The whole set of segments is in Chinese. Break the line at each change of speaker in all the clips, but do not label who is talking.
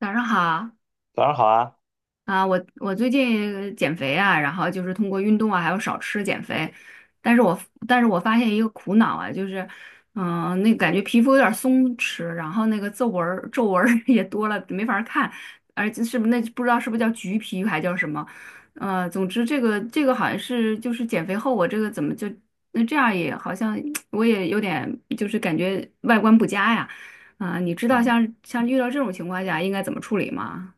早上好
早上好啊，
啊。我最近减肥啊，然后就是通过运动啊，还有少吃减肥，但是我但是我发现一个苦恼啊，就是，那感觉皮肤有点松弛，然后那个皱纹儿 也多了，没法儿看。而且是不是那不知道是不是叫橘皮还叫什么，总之这个好像是就是减肥后我这个怎么就那这样也好像 我也有点就是感觉外观不佳呀。啊，你知道
嗯，
像遇到这种情况下应该怎么处理吗？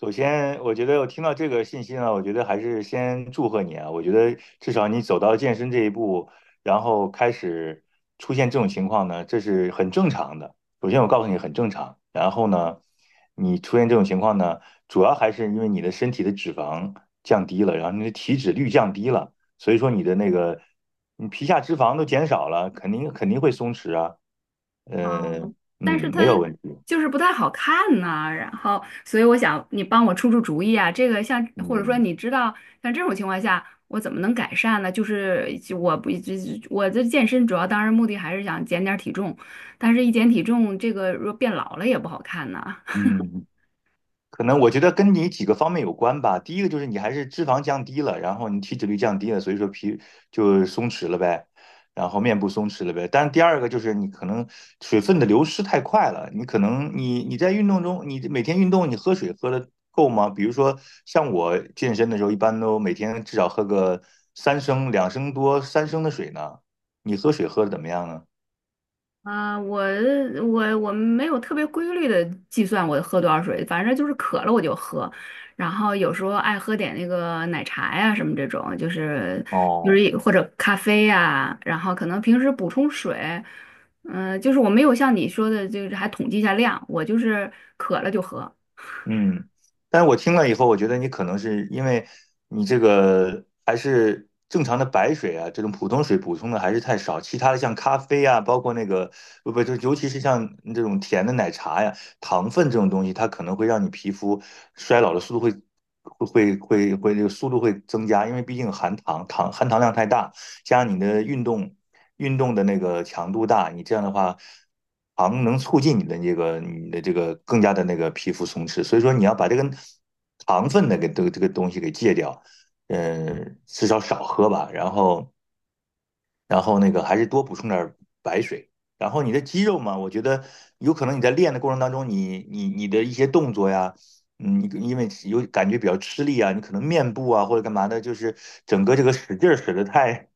首先我觉得我听到这个信息呢，我觉得还是先祝贺你啊，我觉得至少你走到健身这一步，然后开始出现这种情况呢，这是很正常的。首先我告诉你很正常，然后呢，你出现这种情况呢，主要还是因为你的身体的脂肪降低了，然后你的体脂率降低了，所以说你的那个你皮下脂肪都减少了，肯定会松弛啊，
啊。
嗯
但是
嗯，
它
没有问题，
就是不太好看呐，然后，所以我想你帮我出出主意啊。这个像或者说
嗯
你知道像这种情况下，我怎么能改善呢？就是就我不就我这健身主要当然目的还是想减点儿体重，但是一减体重，这个若变老了也不好看呐。
嗯。可能我觉得跟你几个方面有关吧。第一个就是你还是脂肪降低了，然后你体脂率降低了，所以说皮就松弛了呗，然后面部松弛了呗。但是第二个就是你可能水分的流失太快了，你可能你在运动中，你每天运动你喝水喝的够吗？比如说像我健身的时候，一般都每天至少喝个三升、2升多、三升的水呢。你喝水喝的怎么样呢？
啊，我没有特别规律的计算我喝多少水，反正就是渴了我就喝。然后有时候爱喝点那个奶茶呀什么这种，就是
哦。
或者咖啡呀，然后可能平时补充水。就是我没有像你说的，就是还统计一下量，我就是渴了就喝。
嗯，但是我听了以后，我觉得你可能是因为你这个还是正常的白水啊，这种普通水补充的还是太少。其他的像咖啡啊，包括那个不不，就尤其是像这种甜的奶茶呀，糖分这种东西，它可能会让你皮肤衰老的速度会会会会会这个速度会增加，因为毕竟含糖量太大。加上你的运动的那个强度大，你这样的话，糖能促进你的更加的那个皮肤松弛。所以说你要把这个糖分的给这个东西给戒掉，嗯，至少少喝吧。然后那个还是多补充点儿白水。然后你的肌肉嘛，我觉得有可能你在练的过程当中，你的一些动作呀，嗯，你因为有感觉比较吃力啊，你可能面部啊或者干嘛的，就是整个这个使劲儿使得太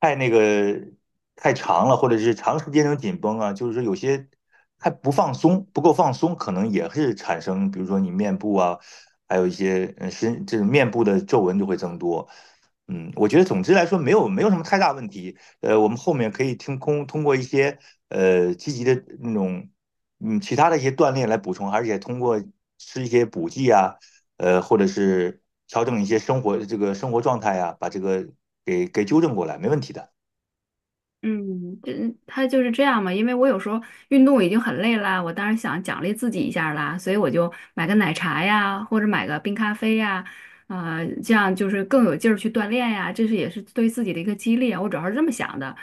太那个太长了，或者是长时间那种紧绷啊，就是说有些还不放松，不够放松，可能也是产生，比如说你面部啊，还有一些这种面部的皱纹就会增多。嗯，我觉得总之来说没有什么太大问题。呃，我们后面可以通过一些积极的那种其他的一些锻炼来补充，而且通过吃一些补剂啊，或者是调整一些生活状态啊，把这个给纠正过来，没问题的。
嗯，这他就是这样嘛，因为我有时候运动已经很累啦，我当然想奖励自己一下儿啦，所以我就买个奶茶呀，或者买个冰咖啡呀。这样就是更有劲儿去锻炼呀，这是也是对自己的一个激励啊，我主要是这么想的。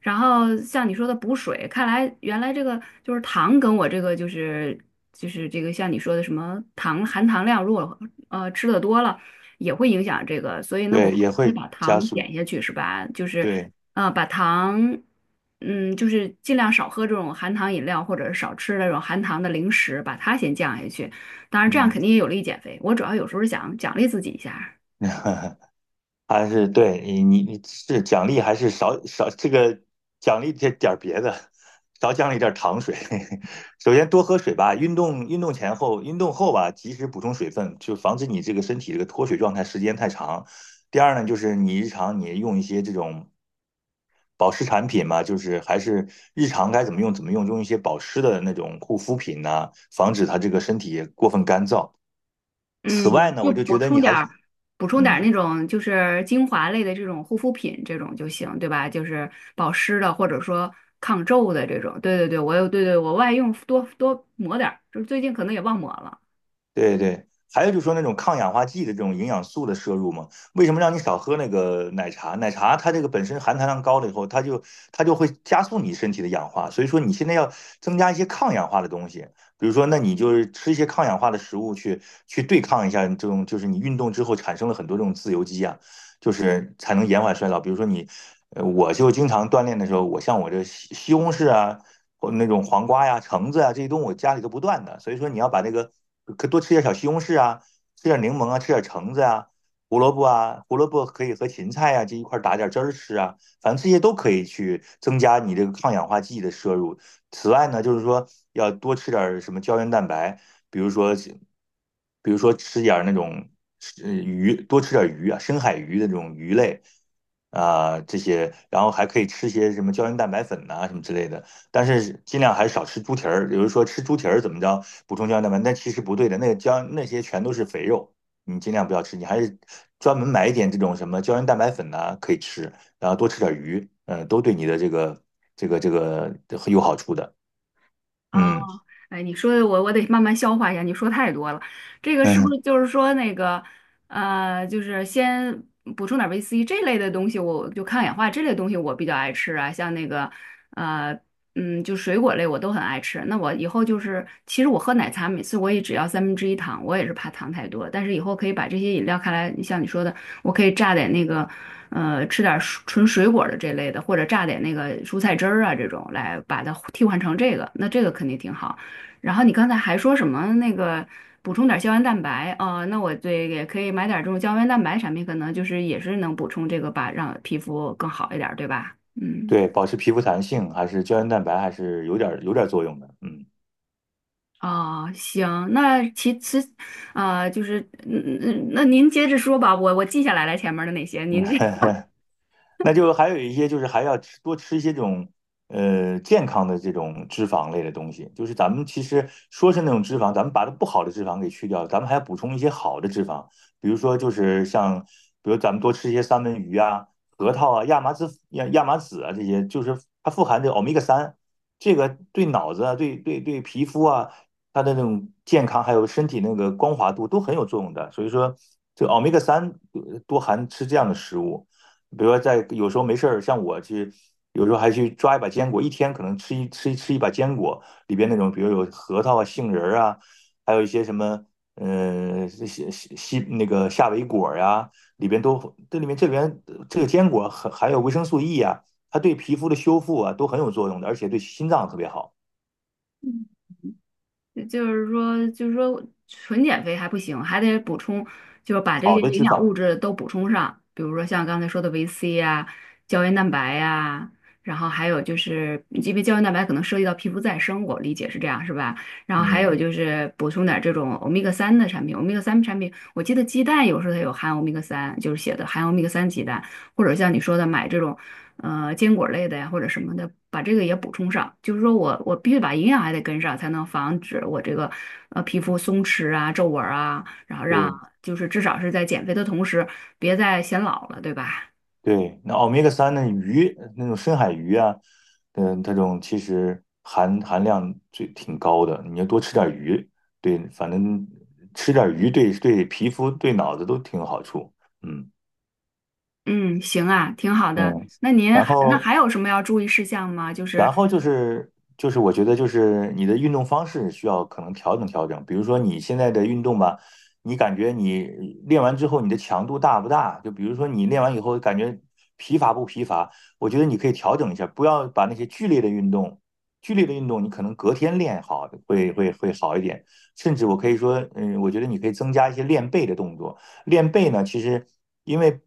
然后像你说的补水，看来原来这个就是糖跟我这个就是这个像你说的什么糖含糖量，如果吃的多了也会影响这个，所以呢我
对，也
得
会
把
加
糖
速。
减下去是吧？就是。
对，
啊，把糖，就是尽量少喝这种含糖饮料，或者是少吃那种含糖的零食，把它先降下去。当然，这样
嗯。
肯定也有利于减肥。我主要有时候是想奖励自己一下。
还是对你是奖励还是少这个奖励这点儿别的，少奖励点儿糖水。首先多喝水吧，运动前后运动后吧，及时补充水分，就防止你这个身体这个脱水状态时间太长。第二呢，就是你日常你用一些这种保湿产品嘛，就是还是日常该怎么用怎么用，用一些保湿的那种护肤品呐、防止它这个身体过分干燥。此外
嗯，
呢，
就
我就觉
补
得
充
你
点
还是
儿补充点儿
嗯
那种就是精华类的这种护肤品这种就行，对吧？就是保湿的，或者说抗皱的这种。对对对，我有，对对，我外用多多抹点儿就是最近可能也忘抹了。
对对，还有就是说那种抗氧化剂的这种营养素的摄入嘛，为什么让你少喝那个奶茶？奶茶它这个本身含糖量高了以后，它就会加速你身体的氧化，所以说你现在要增加一些抗氧化的东西，比如说那你就是吃一些抗氧化的食物去对抗一下这种，就是你运动之后产生了很多这种自由基啊，就是才能延缓衰老。比如说你我就经常锻炼的时候，像我这西红柿啊，或那种黄瓜呀、橙子啊这些东西，我家里都不断的。所以说，你要把那个可多吃点小西红柿啊，吃点柠檬啊，吃点橙子啊，胡萝卜啊，胡萝卜可以和芹菜啊这一块打点汁儿吃啊，反正这些都可以去增加你这个抗氧化剂的摄入。此外呢，就是说要多吃点儿什么胶原蛋白，比如说，比如说吃点儿那种鱼，多吃点儿鱼啊，深海鱼的这种鱼类啊，这些，然后还可以吃些什么胶原蛋白粉呐、什么之类的。但是尽量还是少吃猪蹄儿。有人说吃猪蹄儿怎么着补充胶原蛋白，但其实不对的，那个胶那些全都是肥肉，你尽量不要吃。你还是专门买一点这种什么胶原蛋白粉呐、可以吃。然后多吃点鱼，嗯，都对你的这个很有好处的。
哦，
嗯
哎，你说的我得慢慢消化一下，你说太多了。这个是不
嗯，
是就是说那个就是先补充点维 C 这类的东西，我就抗氧化这类东西我比较爱吃啊。像那个呃就水果类我都很爱吃。那我以后就是，其实我喝奶茶每次我也只要三分之一糖，我也是怕糖太多。但是以后可以把这些饮料看来，像你说的，我可以榨点那个，吃点纯水果的这类的，或者榨点那个蔬菜汁儿啊这种，来把它替换成这个，那这个肯定挺好。然后你刚才还说什么那个补充点胶原蛋白哦。那我对也可以买点这种胶原蛋白产品，可能就是也是能补充这个吧，让皮肤更好一点儿对吧？嗯。
对，保持皮肤弹性还是胶原蛋白还是有点作用的。嗯。
哦，行。那其其啊、就是嗯嗯，那您接着说吧，我记下来了前面的那些，您 这
那就还有一些就是还要吃多吃一些这种健康的这种脂肪类的东西，就是咱们其实说是那种脂肪，咱们把它不好的脂肪给去掉，咱们还要补充一些好的脂肪，比如说就是像比如咱们多吃一些三文鱼啊、核桃啊、亚麻籽啊这些，就是它富含这个欧米伽三，这个对脑子啊、对皮肤啊，它的那种健康还有身体那个光滑度都很有作用的，所以说这个欧米伽三多含吃这样的食物。比如说在有时候没事儿，像我去，有时候还去抓一把坚果，一天可能吃一把坚果，里边那种比如有核桃啊、杏仁儿啊，还有一些什么，嗯、西西西那个夏威果呀、里边都这里面这里边这个坚果很含有维生素 E 啊，它对皮肤的修复啊都很有作用的，而且对心脏特别好，
就是说，纯减肥还不行，还得补充，就是把这
好
些
的
营
脂
养
肪，
物质都补充上，比如说像刚才说的维 C 呀、胶原蛋白呀、然后还有就是，因为胶原蛋白可能涉及到皮肤再生，我理解是这样，是吧？然后还有
嗯，
就是补充点这种欧米伽三的产品，欧米伽三产品，我记得鸡蛋有时候它有含欧米伽三，就是写的含欧米伽三鸡蛋，或者像你说的买这种。坚果类的呀或者什么的，把这个也补充上。就是说我我必须把营养还得跟上，才能防止我这个皮肤松弛啊、皱纹儿啊，然后让
对。
就是至少是在减肥的同时，别再显老了，对吧？
对，那欧米伽三那鱼那种深海鱼啊，嗯，它这种其实含量最挺高的，你要多吃点鱼，对，反正吃点鱼对皮肤对脑子都挺有好处，嗯
嗯，行啊，挺好的。
嗯，
那您
然
还
后
还有什么要注意事项吗？
然后就是我觉得就是你的运动方式需要可能调整调整，比如说你现在的运动吧，你感觉你练完之后你的强度大不大？就比如说你练完以后感觉疲乏不疲乏？我觉得你可以调整一下，不要把那些剧烈的运动，剧烈的运动你可能隔天练好会好一点，甚至我可以说，嗯，我觉得你可以增加一些练背的动作。练背呢，其实因为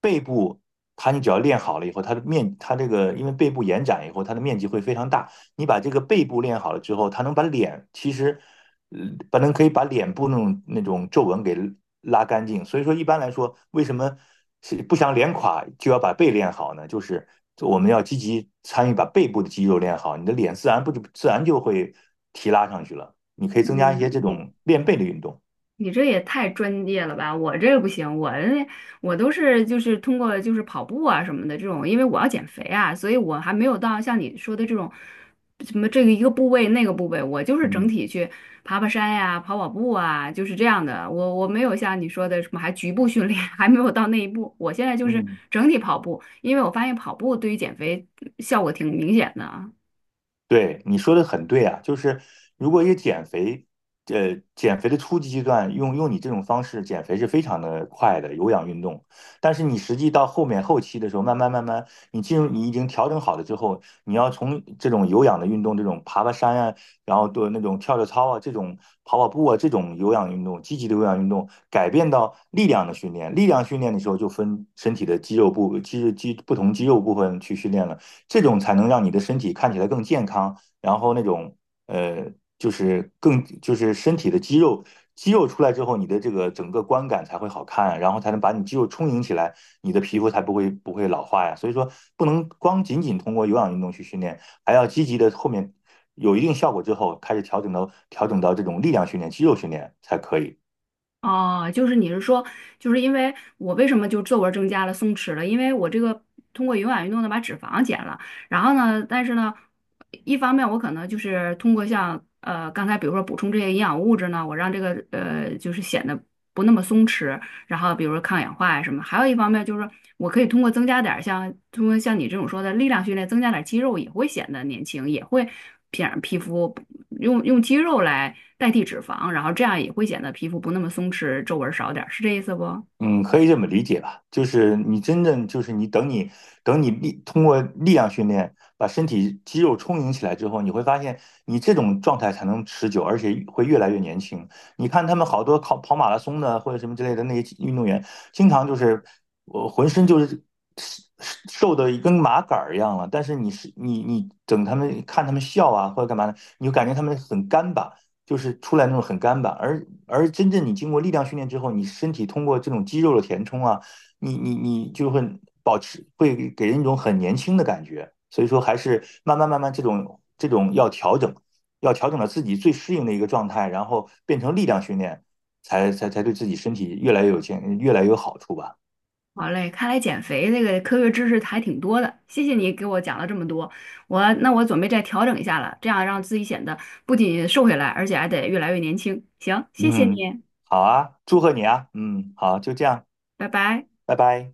背部，它你只要练好了以后，它的面，它这个因为背部延展以后，它的面积会非常大。你把这个背部练好了之后，它能把脸，其实，呃把能可以把脸部那种皱纹给拉干净。所以说，一般来说，为什么是不想脸垮就要把背练好呢？就是我们要积极参与把背部的肌肉练好，你的脸自然不就自然就会提拉上去了。你可以增加一些
嗯，
这
你
种练背的运动。
你这也太专业了吧！我这个不行，我都是就是通过就是跑步啊什么的这种，因为我要减肥啊，所以我还没有到像你说的这种什么这个一个部位那个部位，我就是整
嗯
体去爬爬山呀、跑跑步啊，就是这样的。我没有像你说的什么还局部训练，还没有到那一步。我现在就是
嗯。
整体跑步，因为我发现跑步对于减肥效果挺明显的啊。
对，你说的很对啊，就是如果一个减肥，呃，减肥的初级阶段用你这种方式减肥是非常的快的有氧运动，但是你实际到后面后期的时候，慢慢，你进入你已经调整好了之后，你要从这种有氧的运动，这种爬爬山啊，然后做那种跳跳操啊，这种跑跑步啊，这种有氧运动，积极的有氧运动，改变到力量的训练。力量训练的时候就分身体的肌肉部肌肌不同肌肉部分去训练了。这种才能让你的身体看起来更健康，然后那种呃，就是更就是身体的肌肉出来之后，你的这个整个观感才会好看啊，然后才能把你肌肉充盈起来，你的皮肤才不会老化呀。所以说，不能光仅仅通过有氧运动去训练，还要积极的后面有一定效果之后，开始调整到这种力量训练、肌肉训练才可以。
哦，就是你是说，就是因为我为什么就皱纹儿增加了、松弛了？因为我这个通过有氧运动呢把脂肪减了，然后呢，但是呢，一方面我可能就是通过像刚才比如说补充这些营养物质呢，我让这个就是显得不那么松弛，然后比如说抗氧化呀什么，还有一方面就是说我可以通过增加点儿像通过像你这种说的力量训练，增加点儿肌肉也会显得年轻，也会皮肤。用肌肉来代替脂肪，然后这样也会显得皮肤不那么松弛，皱纹少点儿，是这意思不？
嗯，可以这么理解吧，就是你真正就是你等你通过力量训练把身体肌肉充盈起来之后，你会发现你这种状态才能持久，而且会越来越年轻。你看他们好多跑跑马拉松的或者什么之类的那些运动员，经常就是我浑身就是瘦瘦的跟麻杆儿一样了，但是你等他们看他们笑啊或者干嘛的，你就感觉他们很干巴，就是出来那种很干巴，而真正你经过力量训练之后，你身体通过这种肌肉的填充啊，你就会保持，会给人一种很年轻的感觉。所以说，还是慢慢这种要调整，要调整到自己最适应的一个状态，然后变成力量训练，才对自己身体越来越有健，越来越有好处吧。
好嘞，看来减肥这个科学知识还挺多的，谢谢你给我讲了这么多，那我准备再调整一下了，这样让自己显得不仅瘦下来，而且还得越来越年轻。行，谢谢
嗯，
你，
好啊，祝贺你啊。嗯，好，就这样，
拜拜。
拜拜。